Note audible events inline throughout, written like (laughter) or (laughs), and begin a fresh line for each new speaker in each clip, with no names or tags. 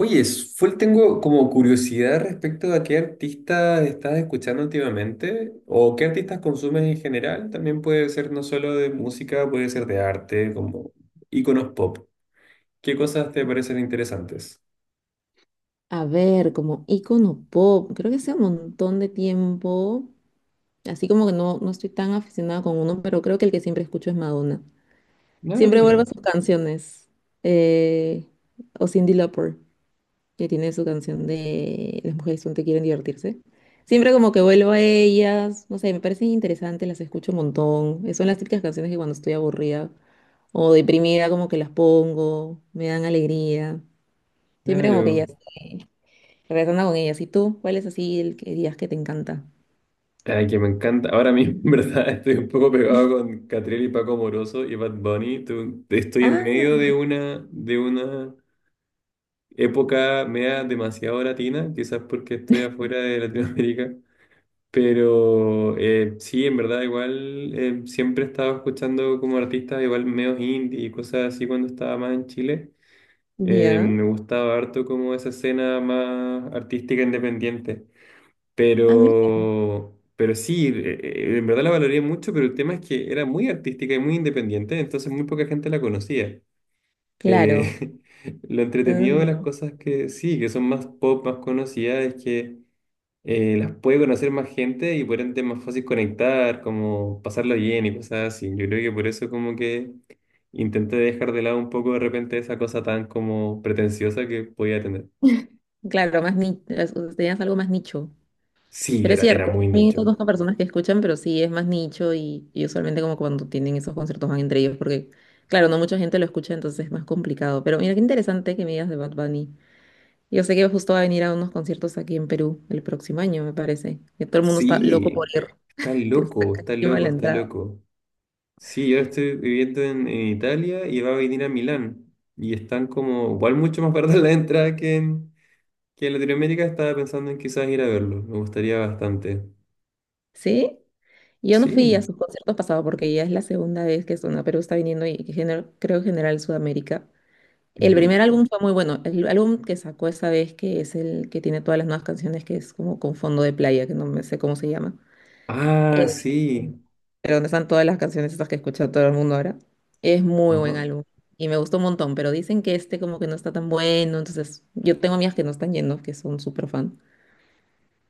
Oye, full tengo como curiosidad respecto a qué artistas estás escuchando últimamente o qué artistas consumes en general. También puede ser no solo de música, puede ser de arte, como íconos pop. ¿Qué cosas te parecen interesantes?
A ver, como icono pop, creo que hace un montón de tiempo, así como que no estoy tan aficionada con uno, pero creo que el que siempre escucho es Madonna.
Ah,
Siempre vuelvo a
mira,
sus canciones. eh, o Cindy Lauper, que tiene su canción de Las mujeres son te quieren divertirse. Siempre como que vuelvo a ellas, no sé, me parecen interesantes, las escucho un montón. Son las típicas canciones que cuando estoy aburrida o deprimida como que las pongo, me dan alegría. Siempre como que ya
claro.
sé. Regresando con ellas. ¿Y tú? ¿Cuál es así el que digas que te encanta?
Ay, que me encanta. Ahora mismo, (laughs) en verdad, estoy un poco pegado con Catriel y Paco Moroso y Bad Bunny. Estoy en
Ah,
medio de una época media demasiado latina, quizás porque estoy afuera de Latinoamérica. Pero sí, en verdad igual siempre he estado escuchando como artistas igual medios indie y cosas así cuando estaba más en Chile.
ya.
Me gustaba harto como esa escena más artística independiente.
A mí.
Pero sí, en verdad la valoré mucho, pero el tema es que era muy artística y muy independiente, entonces muy poca gente la conocía.
Claro.
Eh, (laughs) lo entretenido de las
Ujú.
cosas que sí, que son más pop, más conocidas, es que las puede conocer más gente y por ende es más fácil conectar, como pasarlo bien y cosas así. Yo creo que por eso como que intenté dejar de lado un poco de repente esa cosa tan como pretenciosa que podía tener.
Claro, más nicho. Tenías algo más nicho.
Sí,
Pero es
era
cierto,
muy
a
nicho.
conozco personas que escuchan, pero sí es más nicho y usualmente como cuando tienen esos conciertos van entre ellos, porque claro, no mucha gente lo escucha, entonces es más complicado. Pero mira, qué interesante que me digas de Bad Bunny. Yo sé que justo va a venir a unos conciertos aquí en Perú el próximo año, me parece. Que todo el mundo está loco por
Sí,
ir,
está
que está
loco, está
carísima
loco,
la
está
entrada.
loco. Sí, yo estoy viviendo en Italia y va a venir a Milán. Y están como, igual mucho más (laughs) baratas la entrada que en Latinoamérica. Estaba pensando en quizás ir a verlo. Me gustaría bastante.
¿Sí? Yo no fui a
Sí.
sus conciertos pasados porque ya es la segunda vez que Zona Perú está viniendo y que creo en general Sudamérica. El
Ujú.
primer álbum fue muy bueno. El álbum que sacó esa vez, que es el que tiene todas las nuevas canciones, que es como con fondo de playa, que no me sé cómo se llama. Eh,
Ah, sí.
pero donde están todas las canciones estas que escucha todo el mundo ahora. Es muy
Ajá.
buen álbum y me gustó un montón, pero dicen que este como que no está tan bueno, entonces yo tengo amigas que no están yendo, que son súper fan.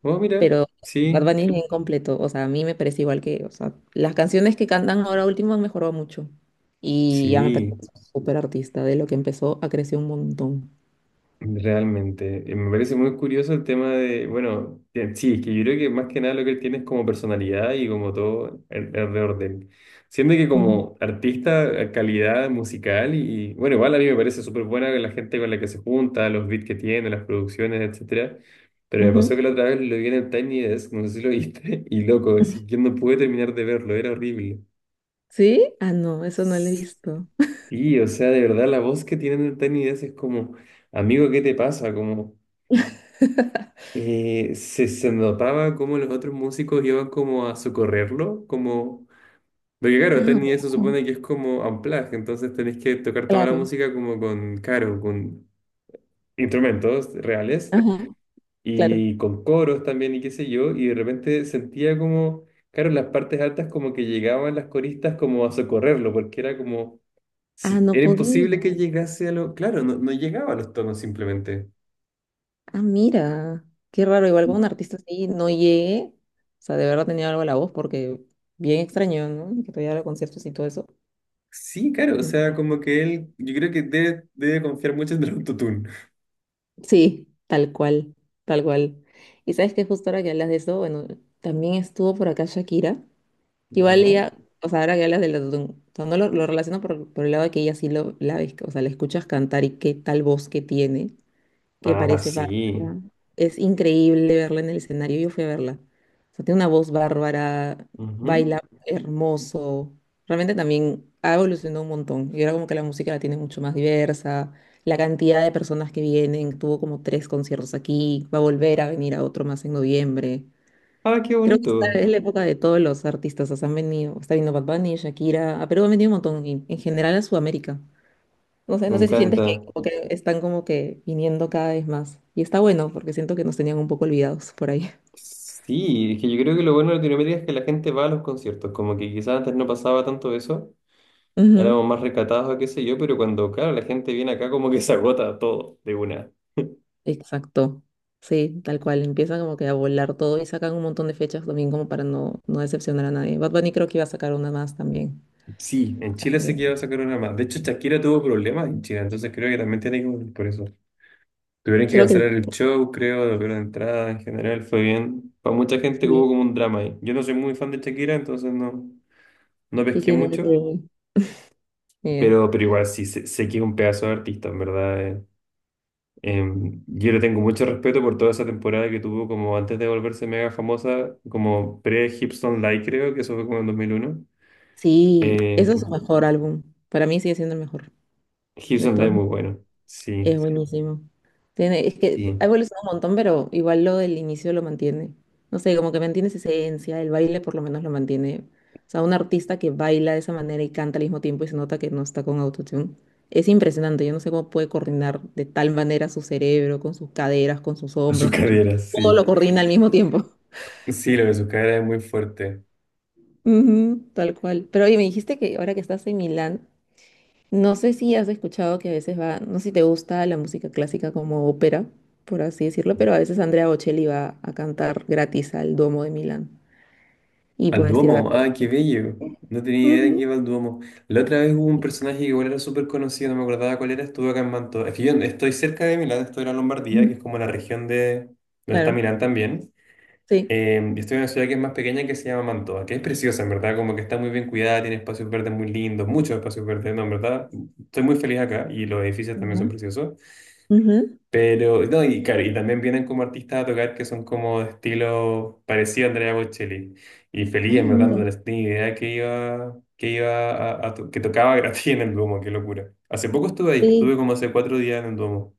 Oh, mira,
Pero Bad
sí,
Bunny es bien completo, o sea, a mí me parece igual que, o sea, las canciones que cantan ahora último han mejorado mucho. Y ya me parece
sí,
súper artista, de lo que empezó a crecer un montón.
realmente. Me parece muy curioso el tema de, bueno, sí, es que yo creo que más que nada lo que él tiene es como personalidad y como todo alrededor de él. Siendo que
Ujú,
como artista, calidad musical y, bueno, igual a mí me parece súper buena la gente con la que se junta, los beats que tiene, las producciones, etcétera. Pero me pasó
ujú.
que la otra vez lo vi en el Tiny Desk, no sé si lo viste, (laughs) y loco, así, yo no pude terminar de verlo, era horrible.
¿Sí? Ah, no, eso no lo he visto.
Y, o sea, de verdad, la voz que tienen en Tiny Desk es como, amigo, ¿qué te pasa? Como,
(laughs)
se notaba como los otros músicos iban como a socorrerlo, como, porque claro,
Ah,
Tiny Desk se
wow,
supone que es como unplugged, entonces tenés que tocar toda la
claro.
música como con, caro, con instrumentos reales
Ajá, claro.
y con coros también y qué sé yo, y de repente sentía como, claro, en las partes altas como que llegaban las coristas como a socorrerlo, porque era como
Ah, no
era
podía.
imposible que llegase a lo... Claro, no, no llegaba a los tonos simplemente.
Ah, mira. Qué raro, igual con un artista así no llegué. O sea, de verdad tenía algo a la voz porque bien extraño, ¿no? Que todavía los conciertos y todo eso.
Sí, claro, o sea, como que él, yo creo que debe confiar mucho en el autotune.
Sí, tal cual, tal cual. Y sabes que justo ahora que hablas de eso, bueno, también estuvo por acá Shakira. Igual
¿Ya?
ella, o sea, ahora que hablas del autotune, o sea, no lo, lo relaciono por el lado de que ella sí lo, la ves, o sea, la escuchas cantar y qué tal voz que tiene, que
Ah,
parece
sí.
bárbara. Es increíble verla en el escenario. Yo fui a verla. O sea, tiene una voz bárbara,
Ujú.
baila hermoso. Realmente también ha evolucionado un montón. Y ahora como que la música la tiene mucho más diversa. La cantidad de personas que vienen, tuvo como tres conciertos aquí, va a volver a venir a otro más en noviembre.
Ah, qué
Creo que esta
bonito.
es la época de todos los artistas. O sea, han venido, está viniendo Bad Bunny, Shakira, a Perú ha venido un montón, y en general a Sudamérica. No sé,
Me
no sé si sientes
encanta.
que como que están como que viniendo cada vez más. Y está bueno porque siento que nos tenían un poco olvidados por ahí.
Sí, es que yo creo que lo bueno de Latinoamérica es que la gente va a los conciertos, como que quizás antes no pasaba tanto eso,
(laughs)
éramos
Ujú,
más recatados o qué sé yo, pero cuando, claro, la gente viene acá como que se agota todo de una.
exacto. Sí, tal cual. Empieza como que a volar todo y sacan un montón de fechas también como para no decepcionar a nadie. Bad Bunny creo que iba a sacar una más también.
Sí, en Chile se quedó
Sí.
esa corona más. De hecho, Shakira tuvo problemas en Chile, entonces creo que también tiene que volver por eso. Tuvieron que
Creo que
cancelar el show, creo, la de entrada en general fue bien. Para mucha gente
sí,
hubo como un drama ahí. Yo no soy muy fan de Shakira, entonces no, no
sí
pesqué
tiene
mucho,
eh,
pero igual sí sé, sé que es un pedazo de artista, en verdad. Yo le tengo mucho respeto por toda esa temporada que tuvo como antes de volverse mega famosa, como pre-Hipson Live, creo, que eso fue como en 2001.
sí,
Eh,
ese es su mejor álbum. Para mí sigue siendo el mejor de
Hipson Live
todos.
muy bueno, sí.
Es buenísimo. Tiene, es que ha
Sí.
evolucionado un montón, pero igual lo del inicio lo mantiene. No sé, como que mantiene esa esencia, el baile por lo menos lo mantiene. O sea, un artista que baila de esa manera y canta al mismo tiempo y se nota que no está con autotune. Es impresionante, yo no sé cómo puede coordinar de tal manera su cerebro, con sus caderas, con sus
(laughs) Su
hombros,
cadera,
todo
sí.
lo coordina al mismo tiempo. (laughs)
Sí, lo de su cadera es muy fuerte.
Ujú, tal cual. Pero oye, me dijiste que ahora que estás en Milán, no sé si has escuchado que a veces va, no sé si te gusta la música clásica como ópera, por así decirlo, pero a veces Andrea Bocelli va a cantar gratis al Duomo de Milán y
Al
puedes ir a
Duomo,
verlo.
ah, qué bello. No tenía idea de que
Ujú.
iba al Duomo. La otra vez hubo un personaje que igual era súper conocido, no me acordaba cuál era, estuvo acá en Manto. Es que yo estoy cerca de Milán, estoy en la Lombardía, que es
Ujú.
como la región de donde está
Claro,
Milán también.
sí.
Y estoy en una ciudad que es más pequeña que se llama Mantova, que es preciosa, en verdad, como que está muy bien cuidada, tiene espacios verdes muy lindos, muchos espacios verdes, no, en verdad, estoy muy feliz acá y los edificios también
Ujú.
son preciosos.
Ujú.
Pero, no, y claro, y también vienen como artistas a tocar que son como de estilo parecido a Andrea Bocelli. Y feliz,
Ah,
en verdad,
mira.
no tenía idea que iba a, que tocaba (laughs) gratis en el Duomo, qué locura. Hace poco estuve ahí, estuve
Sí.
como hace cuatro días en el Duomo.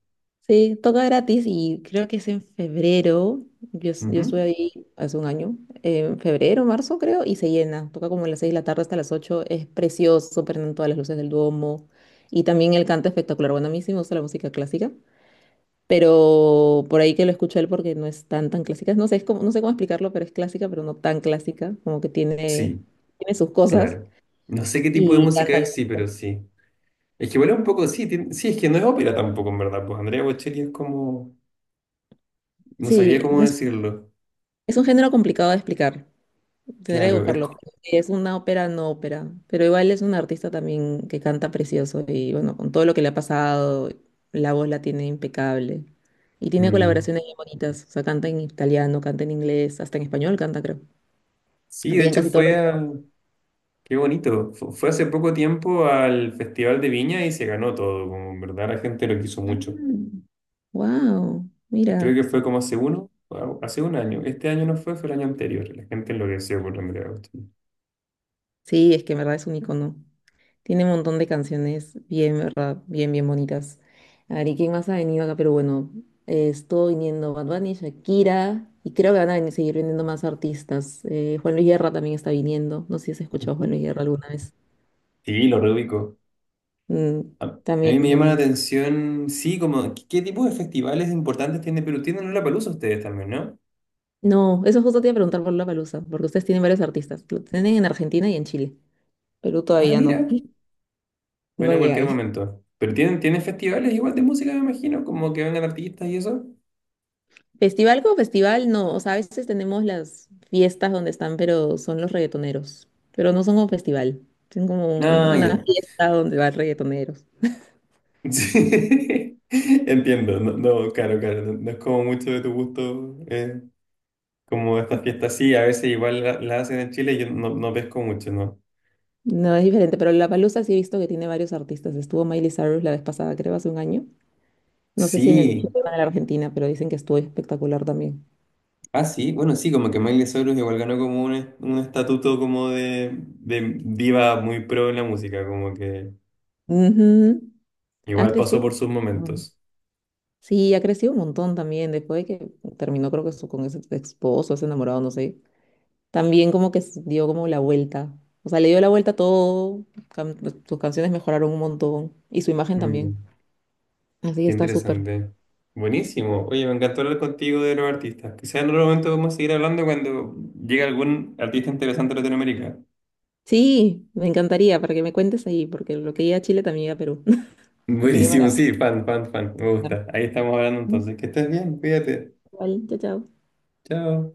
Sí, toca gratis y creo que es en febrero. Yo estuve
Ujú.
ahí hace un año, en febrero, marzo creo, y se llena. Toca como a las 6 de la tarde hasta las 8. Es precioso, prenden todas las luces del Duomo. Y también el canto espectacular. Bueno, a mí sí me gusta la música clásica, pero por ahí que lo escuché él porque no es tan, tan clásica. No sé, es como, no sé cómo explicarlo, pero es clásica, pero no tan clásica. Como que tiene,
Sí,
tiene sus cosas
claro. No sé qué tipo de
y
música
canta.
es, sí, pero sí. Es que bueno, un poco, sí, sí, es que no es ópera tampoco, en verdad, pues Andrea Bocelli es como, no
Sí,
sabría cómo
es,
decirlo.
es un género complicado de explicar. Tendría que
Claro,
buscarlo. Pero sí, es una ópera, no ópera. Pero igual es un artista también que canta precioso y bueno, con todo lo que le ha pasado, la voz la tiene impecable. Y tiene
Mm.
colaboraciones bien bonitas. O sea, canta en italiano, canta en inglés, hasta en español canta, creo.
Sí,
Canta
de
ya en
hecho
casi todos
fue
los...
a... Qué bonito. Fue hace poco tiempo al Festival de Viña y se ganó todo. Como en verdad la gente lo quiso mucho.
Ah. Wow,
Y creo
mira.
que fue como hace uno, o hace un año. Este año no fue, fue el año anterior. La gente enloqueció por Andrea Agustín.
Sí, es que en verdad es un icono. Tiene un montón de canciones bien, ¿verdad? Bien, bien bonitas. A ver, ¿y quién más ha venido acá? Pero bueno, estuvo viniendo Bad Bunny, Shakira, y creo que seguir viniendo más artistas. Juan Luis Guerra también está viniendo. No sé si has escuchado a Juan
Ujú.
Luis Guerra alguna vez.
Sí, lo reubico.
Mm,
A
también
mí me
va a
llama la
venir.
atención, sí, como, ¿qué tipo de festivales importantes tiene Perú? Tienen Lollapalooza ustedes también, ¿no?
No, eso justo te iba a preguntar por palusa porque ustedes tienen varios artistas. Lo tienen en Argentina y en Chile. Perú
Ah,
todavía
mira.
no. (laughs)
Bueno,
No
en
llega.
cualquier momento. Pero tienen, tienen festivales igual de música, me imagino, como que vengan artistas y eso.
Festival como festival, no. O sea, a veces tenemos las fiestas donde están, pero son los reggaetoneros. Pero no son como festival. Son como
Ah,
una
ya.
fiesta donde van reggaetoneros.
Sí, (laughs) entiendo, no, no, claro, claro, no, no es como mucho de tu gusto, como estas fiestas, sí, a veces igual las hacen en Chile y yo no, no pesco mucho, ¿no?
No, es diferente, pero la Palusa sí he visto que tiene varios artistas. Estuvo Miley Cyrus la vez pasada, creo, hace un año. No sé si en el Chile
Sí,
o en la Argentina, pero dicen que estuvo espectacular también.
ah, sí, bueno, sí, como que Miley Cyrus igual ganó como un, un estatuto como de diva muy pro en la música, como que
Ujú. Ha
igual pasó
crecido
por sus
un montón.
momentos.
Sí, ha crecido un montón también. Después de que terminó, creo que con ese esposo, ese enamorado, no sé. También como que dio como la vuelta. O sea, le dio la vuelta a todo, pues, sus canciones mejoraron un montón y su imagen
Mm,
también. Así que
qué
está súper.
interesante. Buenísimo. Oye, me encantó hablar contigo de los artistas. Quizás en otro momento vamos a seguir hablando cuando llegue algún artista interesante de Latinoamérica.
Sí, me encantaría para que me cuentes ahí, porque lo que iba a Chile también iba a Perú. (laughs) Así que
Buenísimo,
para...
sí, fan, fan, fan, me gusta. Ahí estamos hablando entonces. Que estés bien, cuídate.
Vale, chao, chao.
Chao.